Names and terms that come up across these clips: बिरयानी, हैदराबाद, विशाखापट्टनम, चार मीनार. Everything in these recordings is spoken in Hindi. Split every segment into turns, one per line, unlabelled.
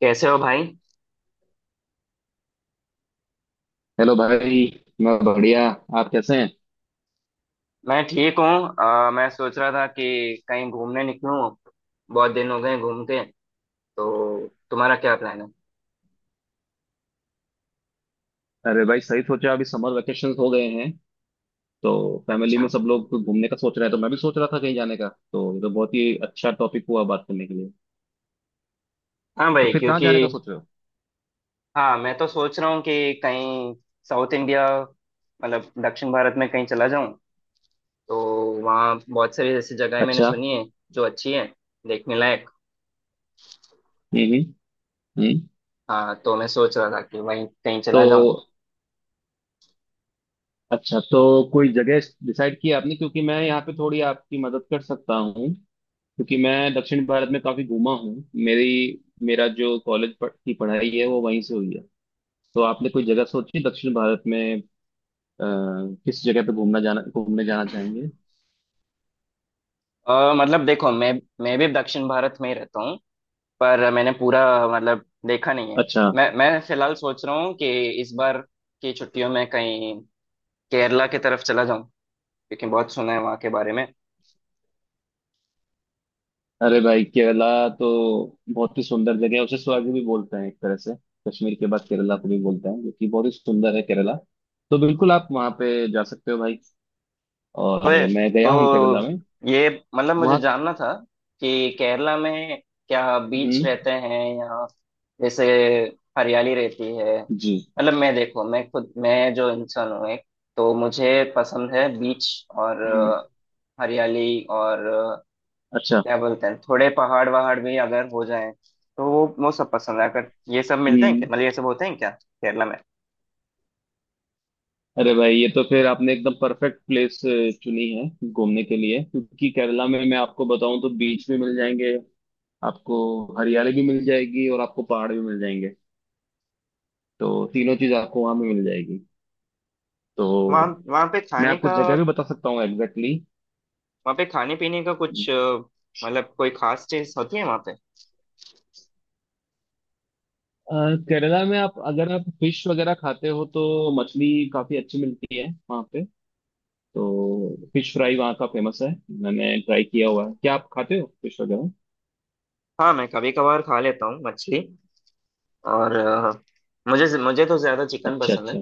कैसे हो भाई।
हेलो भाई। मैं बढ़िया। आप कैसे हैं।
मैं ठीक हूँ। मैं सोच रहा था कि कहीं घूमने निकलूं। बहुत दिन हो गए घूम के। तो तुम्हारा क्या प्लान है?
अरे भाई सही सोचा। अभी समर वेकेशन हो गए हैं तो फैमिली में
अच्छा।
सब लोग घूमने का सोच रहे हैं, तो मैं भी सोच रहा था कहीं जाने का। तो ये तो बहुत ही अच्छा टॉपिक हुआ बात करने के लिए।
हाँ
तो
भाई,
फिर कहाँ
क्योंकि
जाने का सोच रहे हो।
हाँ मैं तो सोच रहा हूँ कि कहीं साउथ इंडिया, मतलब दक्षिण भारत में कहीं चला जाऊँ। तो वहाँ बहुत सारी ऐसी जगहें मैंने
अच्छा।
सुनी है जो अच्छी है, देखने लायक।
हम्म। हम्म। हम्म।
हाँ तो मैं सोच रहा था कि वहीं कहीं चला
तो
जाऊँ।
अच्छा, तो कोई जगह डिसाइड की आपने? क्योंकि मैं यहाँ पे थोड़ी आपकी मदद कर सकता हूँ, क्योंकि मैं दक्षिण भारत में काफी घूमा हूँ। मेरी मेरा जो कॉलेज की पढ़ाई है वो वहीं से हुई है। तो आपने कोई जगह सोची दक्षिण भारत में? किस जगह पे घूमना जाना घूमने जाना चाहेंगे।
मतलब देखो, मैं भी दक्षिण भारत में ही रहता हूँ, पर मैंने पूरा मतलब देखा नहीं है।
अच्छा।
मैं फिलहाल सोच रहा हूँ कि इस बार की छुट्टियों में कहीं केरला की तरफ चला जाऊं, क्योंकि बहुत सुना है वहाँ के बारे में।
अरे भाई केरला तो बहुत ही सुंदर जगह है, उसे स्वर्ग भी बोलते हैं एक तरह से। कश्मीर के बाद केरला को भी बोलते हैं, जो कि बहुत ही सुंदर है केरला। तो बिल्कुल आप वहाँ पे जा सकते हो भाई।
तो
और
ये-
मैं गया हूँ
तो
केरला में।
ये मतलब मुझे
वहाँ।
जानना था कि केरला में क्या बीच
हम्म।
रहते हैं या जैसे हरियाली रहती है।
जी।
मतलब मैं, देखो मैं खुद, मैं जो इंसान हूँ एक, तो मुझे पसंद है बीच और
हम्म।
हरियाली और
अच्छा।
क्या बोलते हैं, थोड़े पहाड़ वहाड़ भी अगर हो जाए तो वो सब पसंद है। अगर ये सब मिलते हैं
हम्म।
क्या, मतलब ये सब होते हैं क्या केरला में?
अरे भाई, ये तो फिर आपने एकदम परफेक्ट प्लेस चुनी है घूमने के लिए। क्योंकि केरला में मैं आपको बताऊं, तो बीच भी मिल जाएंगे आपको, हरियाली भी मिल जाएगी, और आपको पहाड़ भी मिल जाएंगे। तो तीनों चीज आपको वहां पे मिल जाएगी। तो
वहाँ वहाँ पे
मैं
खाने
आपको
का, वहाँ
जगह भी बता सकता हूँ एग्जैक्टली।
पे खाने पीने का कुछ मतलब कोई खास चीज होती है वहाँ पे?
केरला में आप अगर आप फिश वगैरह खाते हो तो मछली काफी अच्छी मिलती है वहाँ पे। तो फिश फ्राई वहाँ का फेमस है, मैंने ट्राई किया हुआ है। क्या आप खाते हो फिश वगैरह?
हाँ, मैं कभी कभार खा लेता हूँ मछली। और मुझे मुझे तो ज्यादा चिकन
अच्छा,
पसंद है।
अच्छा।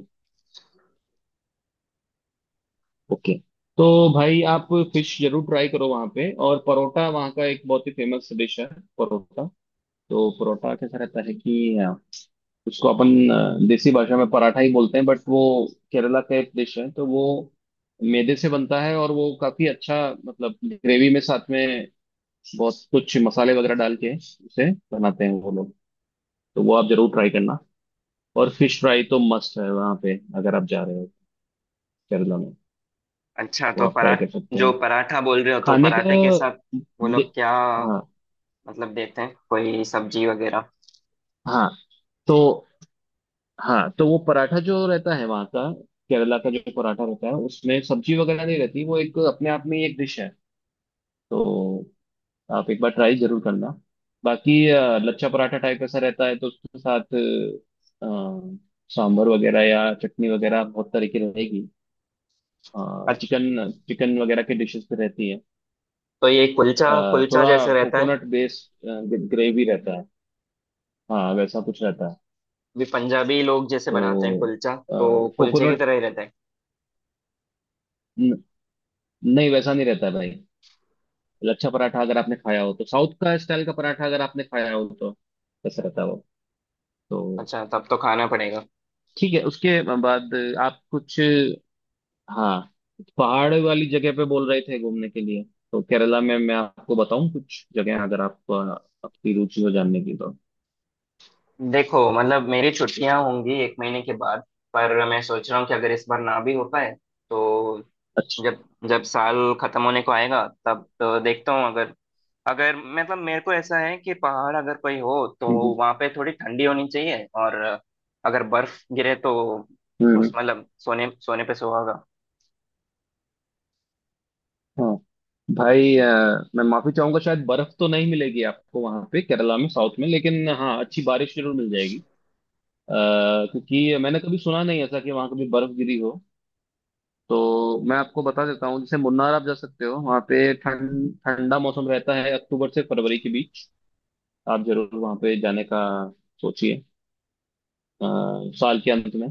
ओके। तो भाई आप फिश जरूर ट्राई करो वहाँ पे। और परोठा वहाँ का एक बहुत ही फेमस डिश है, परोठा। तो परोठा कैसा रहता है कि उसको अपन देसी भाषा में पराठा ही बोलते हैं, बट वो केरला का एक डिश है। तो वो मैदे से बनता है और वो काफी अच्छा, मतलब ग्रेवी में साथ में बहुत कुछ मसाले वगैरह डाल के उसे बनाते हैं वो लोग। तो वो आप जरूर ट्राई करना। और फिश फ्राई तो मस्ट है वहां पे अगर आप जा रहे हो केरला में,
अच्छा,
वो
तो
आप ट्राई
पराठ,
कर सकते
जो
हो।
पराठा बोल रहे हो, तो
खाने का।
पराठे के साथ वो लोग
दे-
क्या
हाँ।
मतलब देते हैं, कोई सब्जी वगैरह?
हाँ तो हाँ तो वो पराठा जो रहता है वहाँ का, केरला का जो पराठा रहता है उसमें सब्जी वगैरह नहीं रहती, वो एक अपने आप में ही एक डिश है। तो आप एक बार ट्राई जरूर करना। बाकी लच्छा पराठा टाइप ऐसा रहता है तो उसके साथ अ, सांभर वगैरह या चटनी वगैरह बहुत तरीके रहेगी।
अ-
चिकन चिकन वगैरह की डिशेस भी रहती है।
तो ये कुलचा, कुलचा
थोड़ा
जैसे रहता है?
कोकोनट बेस्ड ग्रेवी रहता है। हाँ वैसा कुछ रहता है।
भी पंजाबी लोग जैसे बनाते हैं
तो
कुलचा, तो कुलचे की
कोकोनट
तरह ही रहता है?
नहीं, वैसा नहीं रहता है भाई। लच्छा पराठा अगर आपने खाया हो, तो साउथ का स्टाइल का पराठा अगर आपने खाया हो, तो वैसा रहता है वो। तो
अच्छा, तब तो खाना पड़ेगा।
ठीक है। उसके बाद आप कुछ, हाँ, पहाड़ वाली जगह पे बोल रहे थे घूमने के लिए। तो केरला में मैं आपको बताऊं कुछ जगह, अगर आप आपकी रुचि हो जानने की तो।
देखो मतलब मेरी छुट्टियां होंगी एक महीने के बाद, पर मैं सोच रहा हूँ कि अगर इस बार ना भी हो पाए तो
अच्छा।
जब, जब साल खत्म होने को आएगा तब तो देखता हूँ। अगर, अगर मतलब मेरे को ऐसा है कि पहाड़ अगर कोई हो तो
हम्म।
वहां पे थोड़ी ठंडी होनी चाहिए, और अगर बर्फ गिरे तो उस
हम्म।
मतलब सोने सोने पे सुहागा।
हम्म। भाई, मैं माफी चाहूंगा। शायद बर्फ तो नहीं मिलेगी आपको वहां पे केरला में साउथ में, लेकिन हाँ अच्छी बारिश जरूर मिल जाएगी। अ, क्योंकि मैंने कभी सुना नहीं ऐसा कि वहां कभी बर्फ गिरी हो। तो मैं आपको बता देता हूँ, जैसे मुन्नार आप जा सकते हो। वहां पे ठंडा मौसम रहता है अक्टूबर से फरवरी के बीच। आप जरूर वहां पे जाने का सोचिए, अ, साल के अंत में।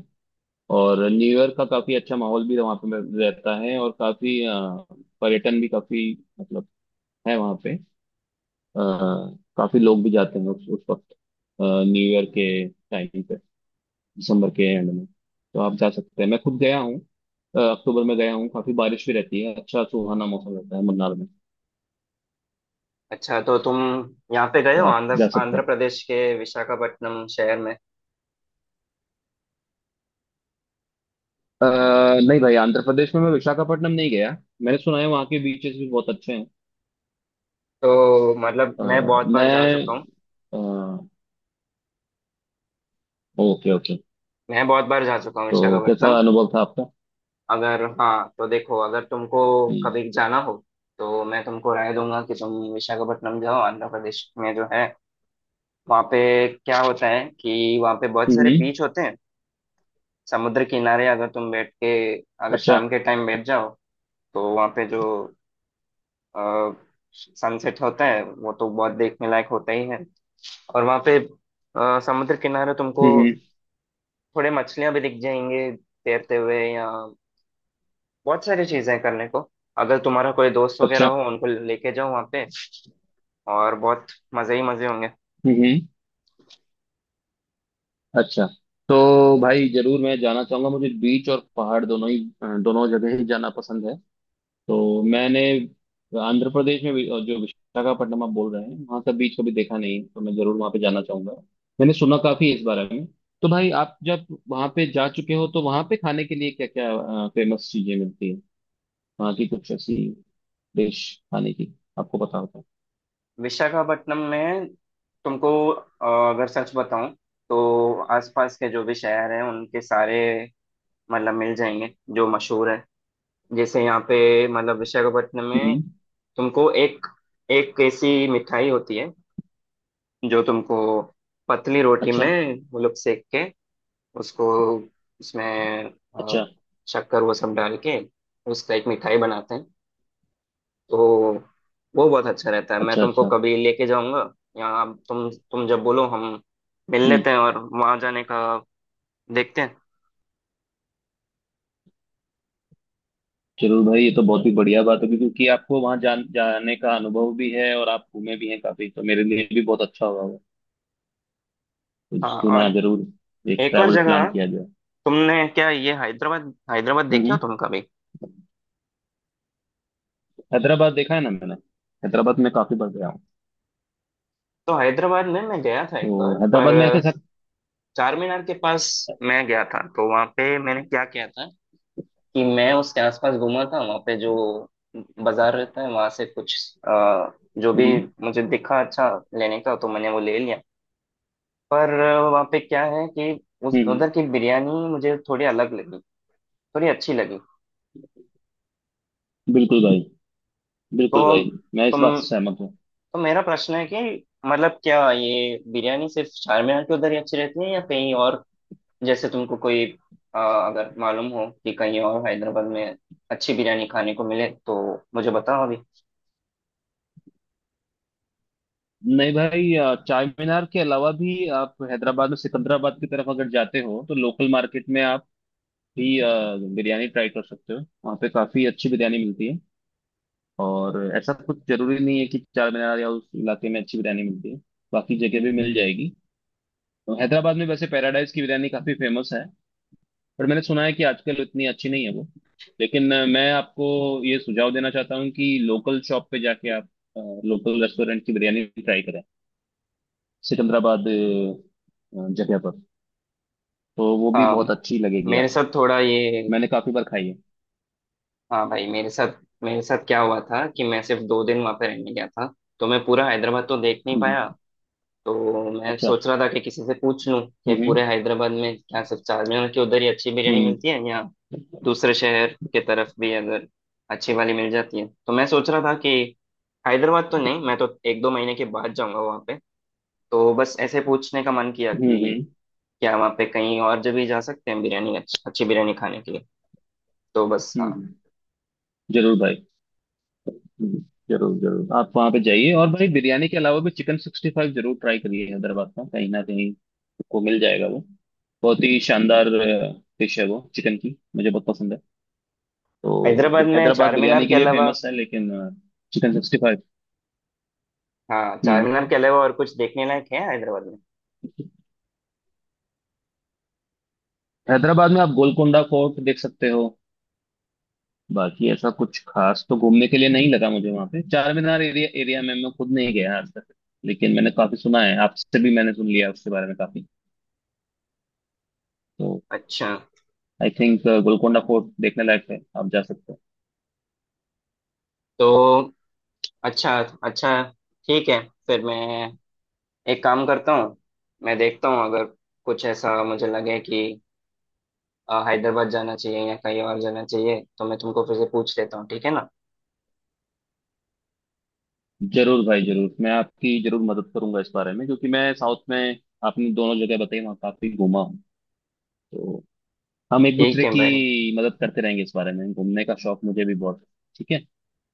और न्यू ईयर का काफी अच्छा माहौल भी वहां पे रहता है, और काफी पर्यटन भी काफी, मतलब, है वहां पे। अ, काफी लोग भी जाते हैं उस वक्त, न्यू ईयर के टाइम पे, दिसंबर के एंड में। तो आप जा सकते हैं, मैं खुद गया हूँ। अक्टूबर में गया हूँ, काफी बारिश भी रहती है, अच्छा सुहाना मौसम रहता है मन्नार में।
अच्छा तो तुम यहाँ पे गए
तो
हो,
आप
आंध्र
जा सकते
आंध्र
हैं।
प्रदेश के विशाखापट्टनम शहर में
अ, नहीं भाई, आंध्र प्रदेश में मैं विशाखापट्टनम नहीं गया। मैंने सुना है वहाँ के बीचेस भी बहुत अच्छे हैं।
तो मतलब
अ,
मैं बहुत बार जा
मैं
चुका हूँ।
Okay, okay.
मैं बहुत बार जा चुका हूँ
तो कैसा
विशाखापट्टनम।
अनुभव था आपका?
अगर हाँ, तो देखो, अगर तुमको
हम्म।
कभी जाना हो तो मैं तुमको राय दूंगा कि तुम विशाखापट्टनम जाओ आंध्र प्रदेश में, जो है। वहाँ पे क्या होता है कि वहाँ पे बहुत सारे
हम्म।
बीच होते हैं। समुद्र किनारे अगर तुम बैठ के, अगर
अच्छा।
शाम के टाइम बैठ जाओ, तो वहाँ पे जो सनसेट होता है वो तो बहुत देखने लायक होता ही है। और वहां पे समुद्र किनारे तुमको
हम्म। हम्म।
थोड़े मछलियां भी दिख जाएंगे तैरते हुए, या बहुत सारी चीजें हैं करने को। अगर तुम्हारा कोई दोस्त वगैरह
अच्छा।
हो, उनको लेके जाओ वहां पे और बहुत मजे ही मजे होंगे।
हम्म। अच्छा। तो भाई जरूर मैं जाना चाहूंगा, मुझे बीच और पहाड़ दोनों ही, दोनों जगह ही जाना पसंद है। तो मैंने आंध्र प्रदेश में जो विशाखापट्टनम आप बोल रहे हैं वहां का बीच कभी देखा नहीं है, तो मैं जरूर वहां पे जाना चाहूंगा। मैंने सुना काफी है इस बारे में। तो भाई आप जब वहां पे जा चुके हो, तो वहां पे खाने के लिए क्या क्या फेमस चीजें मिलती है? वहां की कुछ ऐसी डिश खाने की आपको पता होता है?
विशाखापट्टनम में तुमको, अगर सच बताऊं, तो आसपास के जो भी शहर हैं उनके सारे मतलब मिल जाएंगे जो मशहूर है। जैसे यहाँ पे, मतलब विशाखापट्टनम में,
हम्म।
तुमको एक, एक ऐसी मिठाई होती है जो तुमको पतली रोटी
अच्छा,
में वो लोग सेक के उसको, उसमें अ,
अच्छा।
शक्कर वो सब डाल के उसका एक मिठाई बनाते हैं। तो वो बहुत अच्छा रहता है, मैं
अच्छा,
तुमको
अच्छा।
कभी लेके जाऊंगा। या तुम जब बोलो हम मिल
हम्म।
लेते हैं और वहां जाने का देखते हैं।
जरूर भाई, ये तो बहुत ही बढ़िया बात होगी। क्योंकि आपको वहां जाने का अनुभव भी है और आप घूमे भी हैं काफी, तो मेरे लिए भी बहुत अच्छा होगा वो। तो
हाँ,
क्यों
और
ना जरूर एक
एक और
ट्रैवल प्लान
जगह,
किया जाए।
तुमने क्या ये हैदराबाद, हैदराबाद
हम्म।
देखे हो
हम्म।
तुम कभी?
हैदराबाद देखा है ना मैंने। हैदराबाद में काफी बार गया हूँ।
तो हैदराबाद में मैं गया था एक
तो
बार,
हैदराबाद
पर
में ऐसे सब।
चार मीनार के पास मैं गया था। तो वहां पे मैंने क्या किया था कि मैं उसके आसपास घूमा था। वहाँ पे जो बाजार रहता है वहां से कुछ आ, जो
हम्म।
भी
हम्म।
मुझे दिखा अच्छा लेने का, तो मैंने वो ले लिया। पर वहाँ पे क्या है कि उस
हम्म। हम्म।
उधर की बिरयानी मुझे थोड़ी अलग लगी, थोड़ी अच्छी लगी।
बिल्कुल भाई।
तो
बिल्कुल भाई, मैं इस
तुम,
बात से सहमत हूँ।
तो मेरा प्रश्न है कि मतलब क्या ये बिरयानी सिर्फ चार मीनार के उधर ही अच्छी रहती है या कहीं और? जैसे तुमको कोई आ, अगर मालूम हो कि कहीं और हैदराबाद में अच्छी बिरयानी खाने को मिले तो मुझे बताओ अभी।
नहीं भाई, चार मीनार के अलावा भी आप हैदराबाद में सिकंदराबाद की तरफ अगर जाते हो, तो लोकल मार्केट में आप भी बिरयानी ट्राई कर सकते हो। वहाँ पे काफी अच्छी बिरयानी मिलती है। और ऐसा कुछ जरूरी नहीं है कि चार मीनार या उस इलाके में अच्छी बिरयानी मिलती है, बाकी जगह भी मिल जाएगी। तो हैदराबाद में वैसे पैराडाइज की बिरयानी काफी फेमस है। पर मैंने सुना है कि आजकल इतनी अच्छी नहीं है वो। लेकिन मैं आपको ये सुझाव देना चाहता हूँ कि लोकल शॉप पे जाके आप लोकल रेस्टोरेंट की बिरयानी ट्राई करें, सिकंदराबाद जगह पर। तो वो भी बहुत
हाँ,
अच्छी लगेगी
मेरे
आपको।
साथ थोड़ा ये,
मैंने काफी बार खाई है।
हाँ भाई मेरे साथ, मेरे साथ क्या हुआ था कि मैं सिर्फ दो दिन वहाँ पे रहने गया था, तो मैं पूरा हैदराबाद तो देख नहीं
हम्म।
पाया। तो मैं
अच्छा।
सोच रहा था कि किसी से पूछ लूँ कि
हम्म।
पूरे हैदराबाद में क्या सिर्फ चार मीनार की उधर ही अच्छी बिरयानी
हम्म।
मिलती है, या
हम्म।
दूसरे शहर के तरफ भी अगर अच्छी वाली मिल जाती है? तो मैं सोच रहा था कि हैदराबाद तो नहीं, मैं तो एक दो महीने के बाद जाऊंगा वहाँ पे। तो बस ऐसे पूछने का मन किया
हम्म।
कि
हम्म।
क्या वहाँ पे कहीं और जगह जा सकते हैं बिरयानी, अच्छी अच्छी बिरयानी खाने के लिए। तो बस, हाँ।
हम्म। जरूर भाई। हम्म। जरूर, जरूर आप वहां पे जाइए। और भाई बिरयानी के अलावा भी चिकन 65 जरूर ट्राई करिए हैदराबाद का, कहीं ना कहीं आपको मिल जाएगा वो। बहुत ही शानदार डिश है वो चिकन की, मुझे बहुत पसंद है। तो
हैदराबाद में
हैदराबाद
चार मीनार
बिरयानी के
के
लिए
अलावा,
फेमस है, लेकिन चिकन 65।
हाँ, चार
हम्म।
मीनार के अलावा और कुछ देखने लायक है हैदराबाद में?
हैदराबाद में आप गोलकोंडा फोर्ट देख सकते हो। बाकी ऐसा कुछ खास तो घूमने के लिए नहीं लगा मुझे वहां पे। चार मीनार एरिया एरिया में मैं खुद नहीं गया आज तक। लेकिन मैंने काफी सुना है, आपसे भी मैंने सुन लिया उसके बारे में काफी। तो
अच्छा,
आई थिंक गोलकोंडा फोर्ट देखने लायक है, आप जा सकते हो।
तो अच्छा, अच्छा, ठीक है। फिर मैं एक काम करता हूँ, मैं देखता हूँ अगर कुछ ऐसा मुझे लगे कि हैदराबाद जाना चाहिए या कहीं और जाना चाहिए, तो मैं तुमको फिर से पूछ लेता हूँ, ठीक है ना?
जरूर भाई, जरूर मैं आपकी जरूर मदद करूंगा इस बारे में। क्योंकि मैं साउथ में, आपने दोनों जगह बताई, वहाँ काफी घूमा हूँ। तो हम एक
ठीक
दूसरे
है
की
भाई।
मदद करते रहेंगे इस बारे में। घूमने का शौक मुझे भी बहुत है। ठीक है।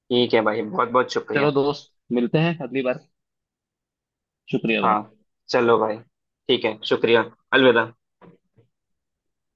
ठीक है भाई, बहुत बहुत शुक्रिया।
चलो दोस्त, मिलते हैं अगली बार। शुक्रिया भाई।
हाँ, चलो भाई, ठीक है, शुक्रिया। अलविदा।